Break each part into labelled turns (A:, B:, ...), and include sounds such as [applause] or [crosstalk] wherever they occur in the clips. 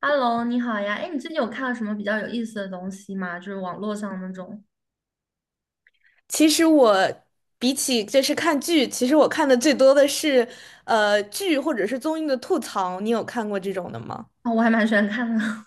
A: Hello，你好呀！哎，你最近有看到什么比较有意思的东西吗？就是网络上那种。
B: 其实我比起就是看剧，其实我看的最多的是剧或者是综艺的吐槽。你有看过这种的吗？
A: 哦，我还蛮喜欢看的。[laughs]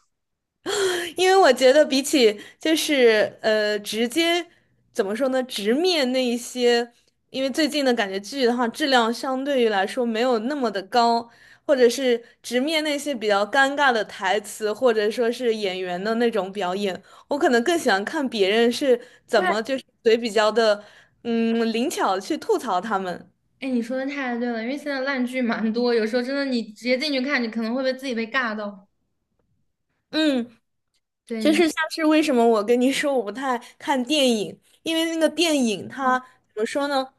B: 因为我觉得比起就是直接怎么说呢，直面那一些，因为最近的感觉剧的话，质量相对于来说没有那么的高，或者是直面那些比较尴尬的台词，或者说是演员的那种表演，我可能更喜欢看别人是怎
A: 对，
B: 么就是嘴比较的嗯灵巧去吐槽他们。
A: 哎，你说的太对了，因为现在烂剧蛮多，有时候真的你直接进去看，你可能会被自己被尬到。
B: 嗯，
A: 对，
B: 就
A: 你
B: 是像
A: 说。
B: 是为什么我跟你说我不太看电影，因为那个电影它怎么说呢？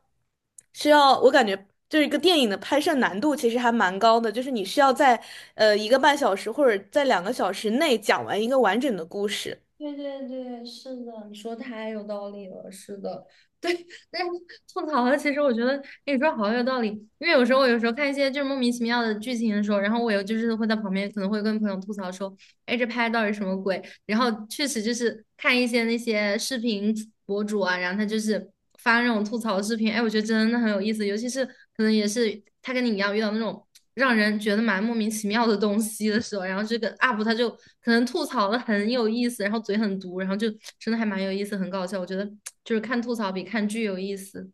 B: 需要我感觉就是一个电影的拍摄难度其实还蛮高的，就是你需要在一个半小时或者在两个小时内讲完一个完整的故事。
A: 对对对，是的，你说太有道理了，是的，对，但是吐槽了，其实我觉得你说好有道理，因为有时候看一些就是莫名其妙的剧情的时候，然后我有就是会在旁边可能会跟朋友吐槽说，哎，这拍的到底什么鬼？然后确实就是看一些那些视频博主啊，然后他就是发那种吐槽视频。哎，我觉得真的很有意思，尤其是可能也是他跟你一样遇到那种让人觉得蛮莫名其妙的东西的时候，然后这个 UP 他就可能吐槽的很有意思，然后嘴很毒，然后就真的还蛮有意思，很搞笑。我觉得就是看吐槽比看剧有意思。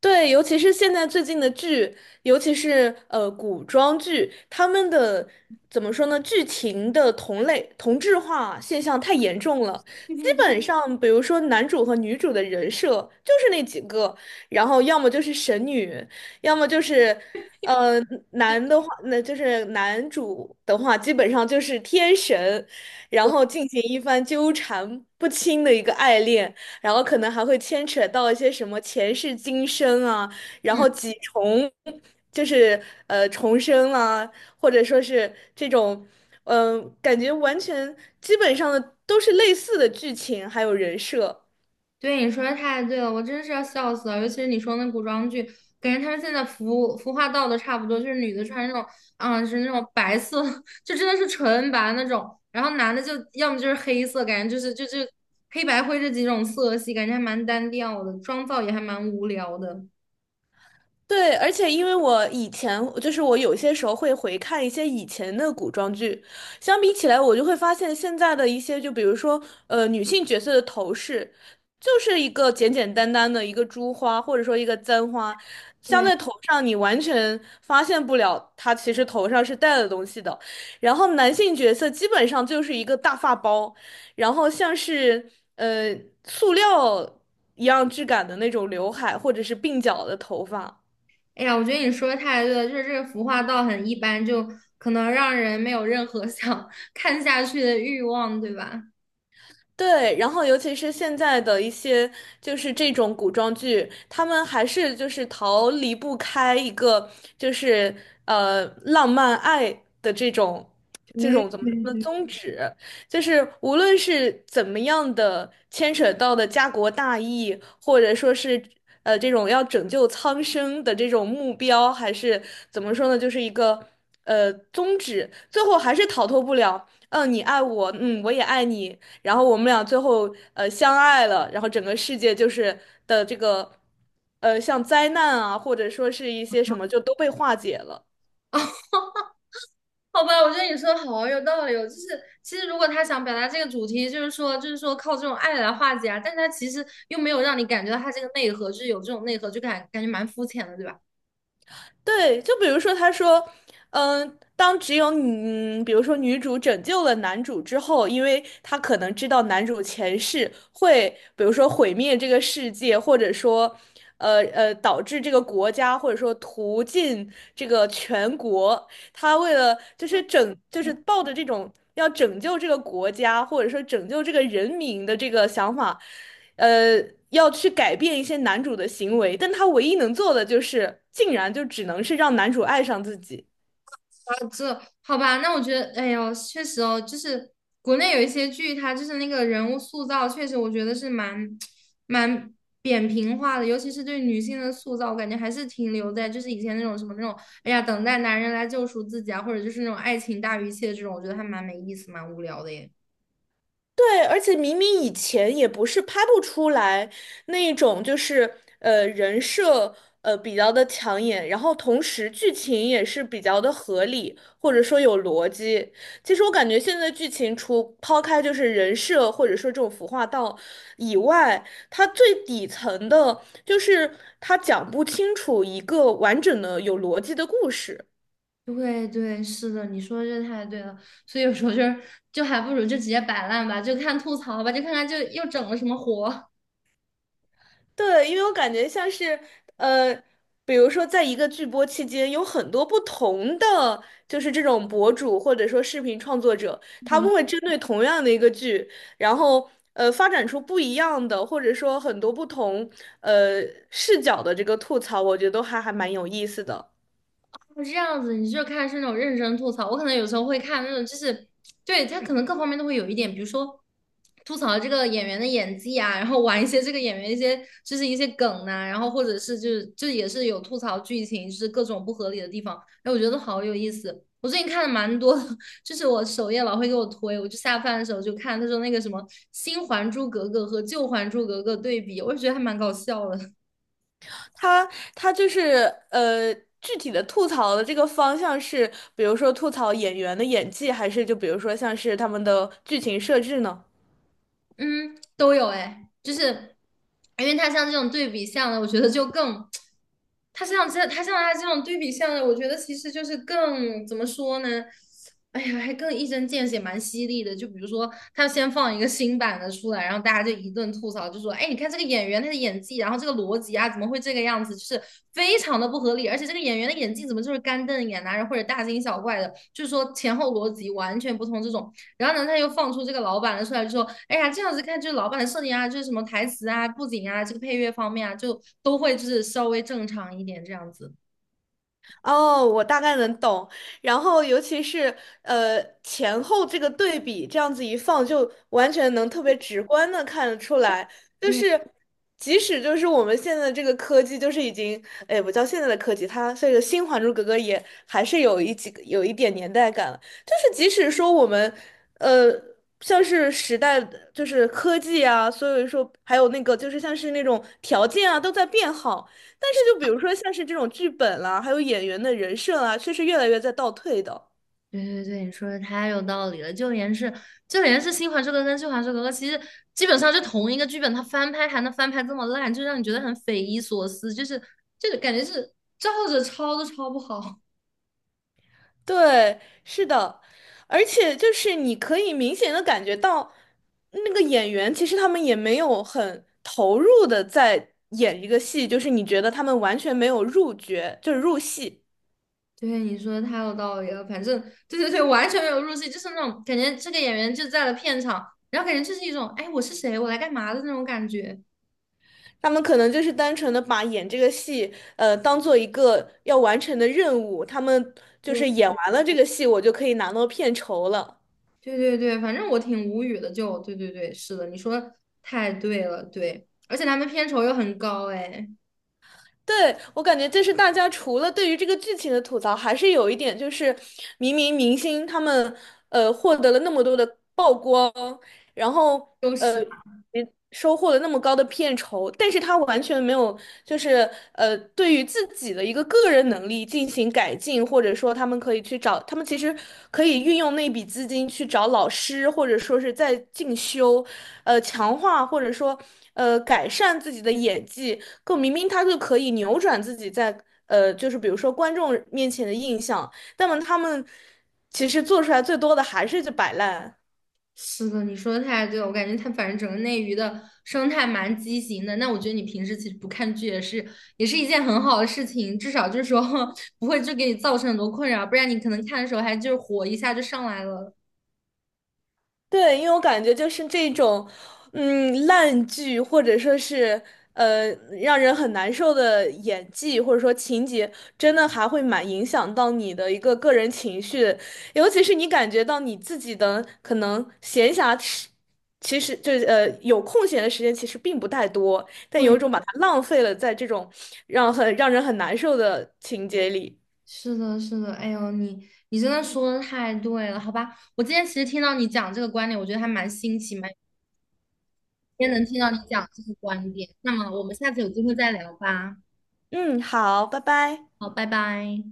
B: 对，尤其是现在最近的剧，尤其是古装剧，他们的怎么说呢？剧情的同类同质化现象太严重了。
A: 对
B: 基
A: 对对，
B: 本上，比如说男主和女主的人设就是那几个，然后要么就是神女，要么就是呃男的话，那就是男主的话，基本上就是天神，然后进行一番纠缠不清的一个爱恋。然后可能还会牵扯到一些什么前世今生啊，然
A: 嗯，
B: 后几重，就是重生啊，或者说是这种，嗯、感觉完全基本上的都是类似的剧情，还有人设。
A: 对，你说的太对了，我真是要笑死了。尤其是你说那古装剧，感觉他们现在服服化道的差不多，就是女的穿那种，啊、是那种白色，[laughs] 就真的是纯白那种，然后男的就要么就是黑色，感觉就是就黑白灰这几种色系，感觉还蛮单调的，妆造也还蛮无聊的。
B: 对，而且因为我以前就是我有些时候会回看一些以前的古装剧，相比起来，我就会发现现在的一些，就比如说女性角色的头饰，就是一个简简单单的一个珠花或者说一个簪花，镶
A: 对，
B: 在头上，你完全发现不了她其实头上是戴了东西的。然后男性角色基本上就是一个大发包，然后像是呃塑料一样质感的那种刘海或者是鬓角的头发。
A: 哎呀，我觉得你说的太对了，就是这个服化道很一般，就可能让人没有任何 [laughs] 想看下去的欲望，对吧？
B: 对，然后尤其是现在的一些就是这种古装剧，他们还是就是逃离不开一个就是浪漫爱的这种这
A: 对
B: 种怎么
A: 对
B: 说呢
A: 对，
B: 宗旨，就是无论是怎么样的牵扯到的家国大义，或者说是这种要拯救苍生的这种目标，还是怎么说呢，就是一个宗旨，最后还是逃脱不了。嗯，你爱我，嗯，我也爱你，然后我们俩最后相爱了，然后整个世界就是的这个像灾难啊，或者说是一些什么就都被化解了。
A: 好吧，我觉得你说的好啊有道理哦。就是其实如果他想表达这个主题，就是说靠这种爱来化解啊，但是他其实又没有让你感觉到他这个内核，就是有这种内核，就感觉蛮肤浅的，对吧？
B: 对，就比如说，他说，嗯，当只有你，比如说女主拯救了男主之后，因为她可能知道男主前世会，比如说毁灭这个世界，或者说，导致这个国家，或者说屠尽这个全国，他为了就是拯，就是抱着这种要拯救这个国家，或者说拯救这个人民的这个想法。呃，要去改变一些男主的行为，但他唯一能做的就是，竟然就只能是让男主爱上自己。
A: 哦这好吧，那我觉得，哎呦，确实哦。就是国内有一些剧，它就是那个人物塑造，确实我觉得是蛮 [tsk] 蛮扁平化的。尤其是对女性的塑造，我感觉还是停留在就是以前那种什么那种，哎呀，等待男人来救赎自己啊，或者就是那种爱情大于一切这种，我觉得还蛮没意思，蛮无聊的耶。
B: 对，而且明明以前也不是拍不出来那种，就是人设比较的抢眼，然后同时剧情也是比较的合理，或者说有逻辑。其实我感觉现在剧情除抛开就是人设或者说这种服化道以外，它最底层的就是它讲不清楚一个完整的有逻辑的故事。
A: 对对，是的，你说的这太对了，所以有时候就是就还不如就直接摆烂吧，就看吐槽吧，就看看就又整了什么活。
B: 对，因为我感觉像是呃，比如说在一个剧播期间，有很多不同的就是这种博主或者说视频创作者，他们会针对同样的一个剧，然后发展出不一样的，或者说很多不同呃视角的这个吐槽，我觉得都还蛮有意思的。
A: 哦这样子，你就看是那种认真吐槽，我可能有时候会看那种，就是对他可能各方面都会有一点，比如说吐槽这个演员的演技啊，然后玩一些这个演员一些就是一些梗呐、然后或者是就也是有吐槽剧情，就是各种不合理的地方。哎，我觉得好有意思。我最近看的蛮多的，[laughs] 就是我首页老会给我推，我就下饭的时候就看，他说那个什么新《还珠格格》和旧《还珠格格》对比，我就觉得还蛮搞笑的。
B: 他他就是呃具体的吐槽的这个方向是，比如说吐槽演员的演技，还是就比如说像是他们的剧情设置呢？
A: 嗯，都有哎。就是因为它像这种对比项的，我觉得就更，它像这它像它这种对比项的，我觉得其实就是更怎么说呢？哎呀，还更一针见血，蛮犀利的。就比如说，他先放一个新版的出来，然后大家就一顿吐槽，就说：“哎，你看这个演员他的演技，然后这个逻辑啊，怎么会这个样子？就是非常的不合理。而且这个演员的演技怎么就是干瞪眼啊，或者大惊小怪的？就是说前后逻辑完全不通这种。”然后呢，他又放出这个老板的出来，就说：“哎呀，这样子看，就是老板的设定啊，就是什么台词啊、布景啊、这个配乐方面啊，就都会就是稍微正常一点这样子。”
B: 哦，我大概能懂。然后，尤其是前后这个对比，这样子一放，就完全能特别直观的看得出来。就
A: 对
B: 是即使就是我们现在这个科技，就是已经，哎，不叫现在的科技，它这个新《还珠格格》也还是有一点年代感了。就是即使说我们，呃，像是时代的，就是科技啊，所以说还有那个就是像是那种条件啊，都在变好。但是就比如说像是这种剧本啦，还有演员的人设啊，却是越来越在倒退的。
A: 对对对，你说的太有道理了。就连是新还珠格格》跟旧还珠格格》，其实基本上就同一个剧本，它翻拍还能翻拍这么烂，就让你觉得很匪夷所思，就是感觉是照着抄都抄不好。
B: 对，是的，而且就是你可以明显的感觉到，那个演员其实他们也没有很投入的在演一个戏，就是你觉得他们完全没有入角，就是入戏，
A: 对，你说的太有道理了。反正对对对，完全没有入戏，就是那种感觉，这个演员就在了片场，然后感觉就是一种，哎，我是谁，我来干嘛的那种感觉。
B: 他们可能就是单纯的把演这个戏，当做一个要完成的任务，他们就是演完了这个戏，我就可以拿到片酬了。
A: 对对对对，反正我挺无语的。就对对对，是的，你说得太对了，对，而且他们片酬又很高，哎，
B: 对，我感觉就是大家除了对于这个剧情的吐槽，还是有一点就是，明明明星他们获得了那么多的曝光，然后
A: 就是
B: 也收获了那么高的片酬，但是他完全没有就是对于自己的一个个人能力进行改进，或者说他们可以去找，他们其实可以运用那笔资金去找老师，或者说是在进修，强化或者说改善自己的演技。可明明他就可以扭转自己在就是比如说观众面前的印象，但么他们其实做出来最多的还是就摆烂。
A: 是的，你说的太对了，我感觉它反正整个内娱的生态蛮畸形的。那我觉得你平时其实不看剧也是一件很好的事情，至少就是说 [laughs] 不会就给你造成很多困扰，不然你可能看的时候还就是火一下就上来了。
B: 对，因为我感觉就是这种，嗯，烂剧或者说是呃让人很难受的演技，或者说情节，真的还会蛮影响到你的一个个人情绪的尤其是你感觉到你自己的可能闲暇时，其实就是有空闲的时间其实并不太多，但有
A: 对，
B: 一种把它浪费了在这种让很让人很难受的情节里。
A: 是的，是的，哎呦，你真的说的太对了，好吧？我今天其实听到你讲这个观点，我觉得还蛮新奇，蛮今天能听到你讲这个观点。那么我们下次有机会再聊吧。
B: 嗯，好，拜拜。
A: 好，拜拜。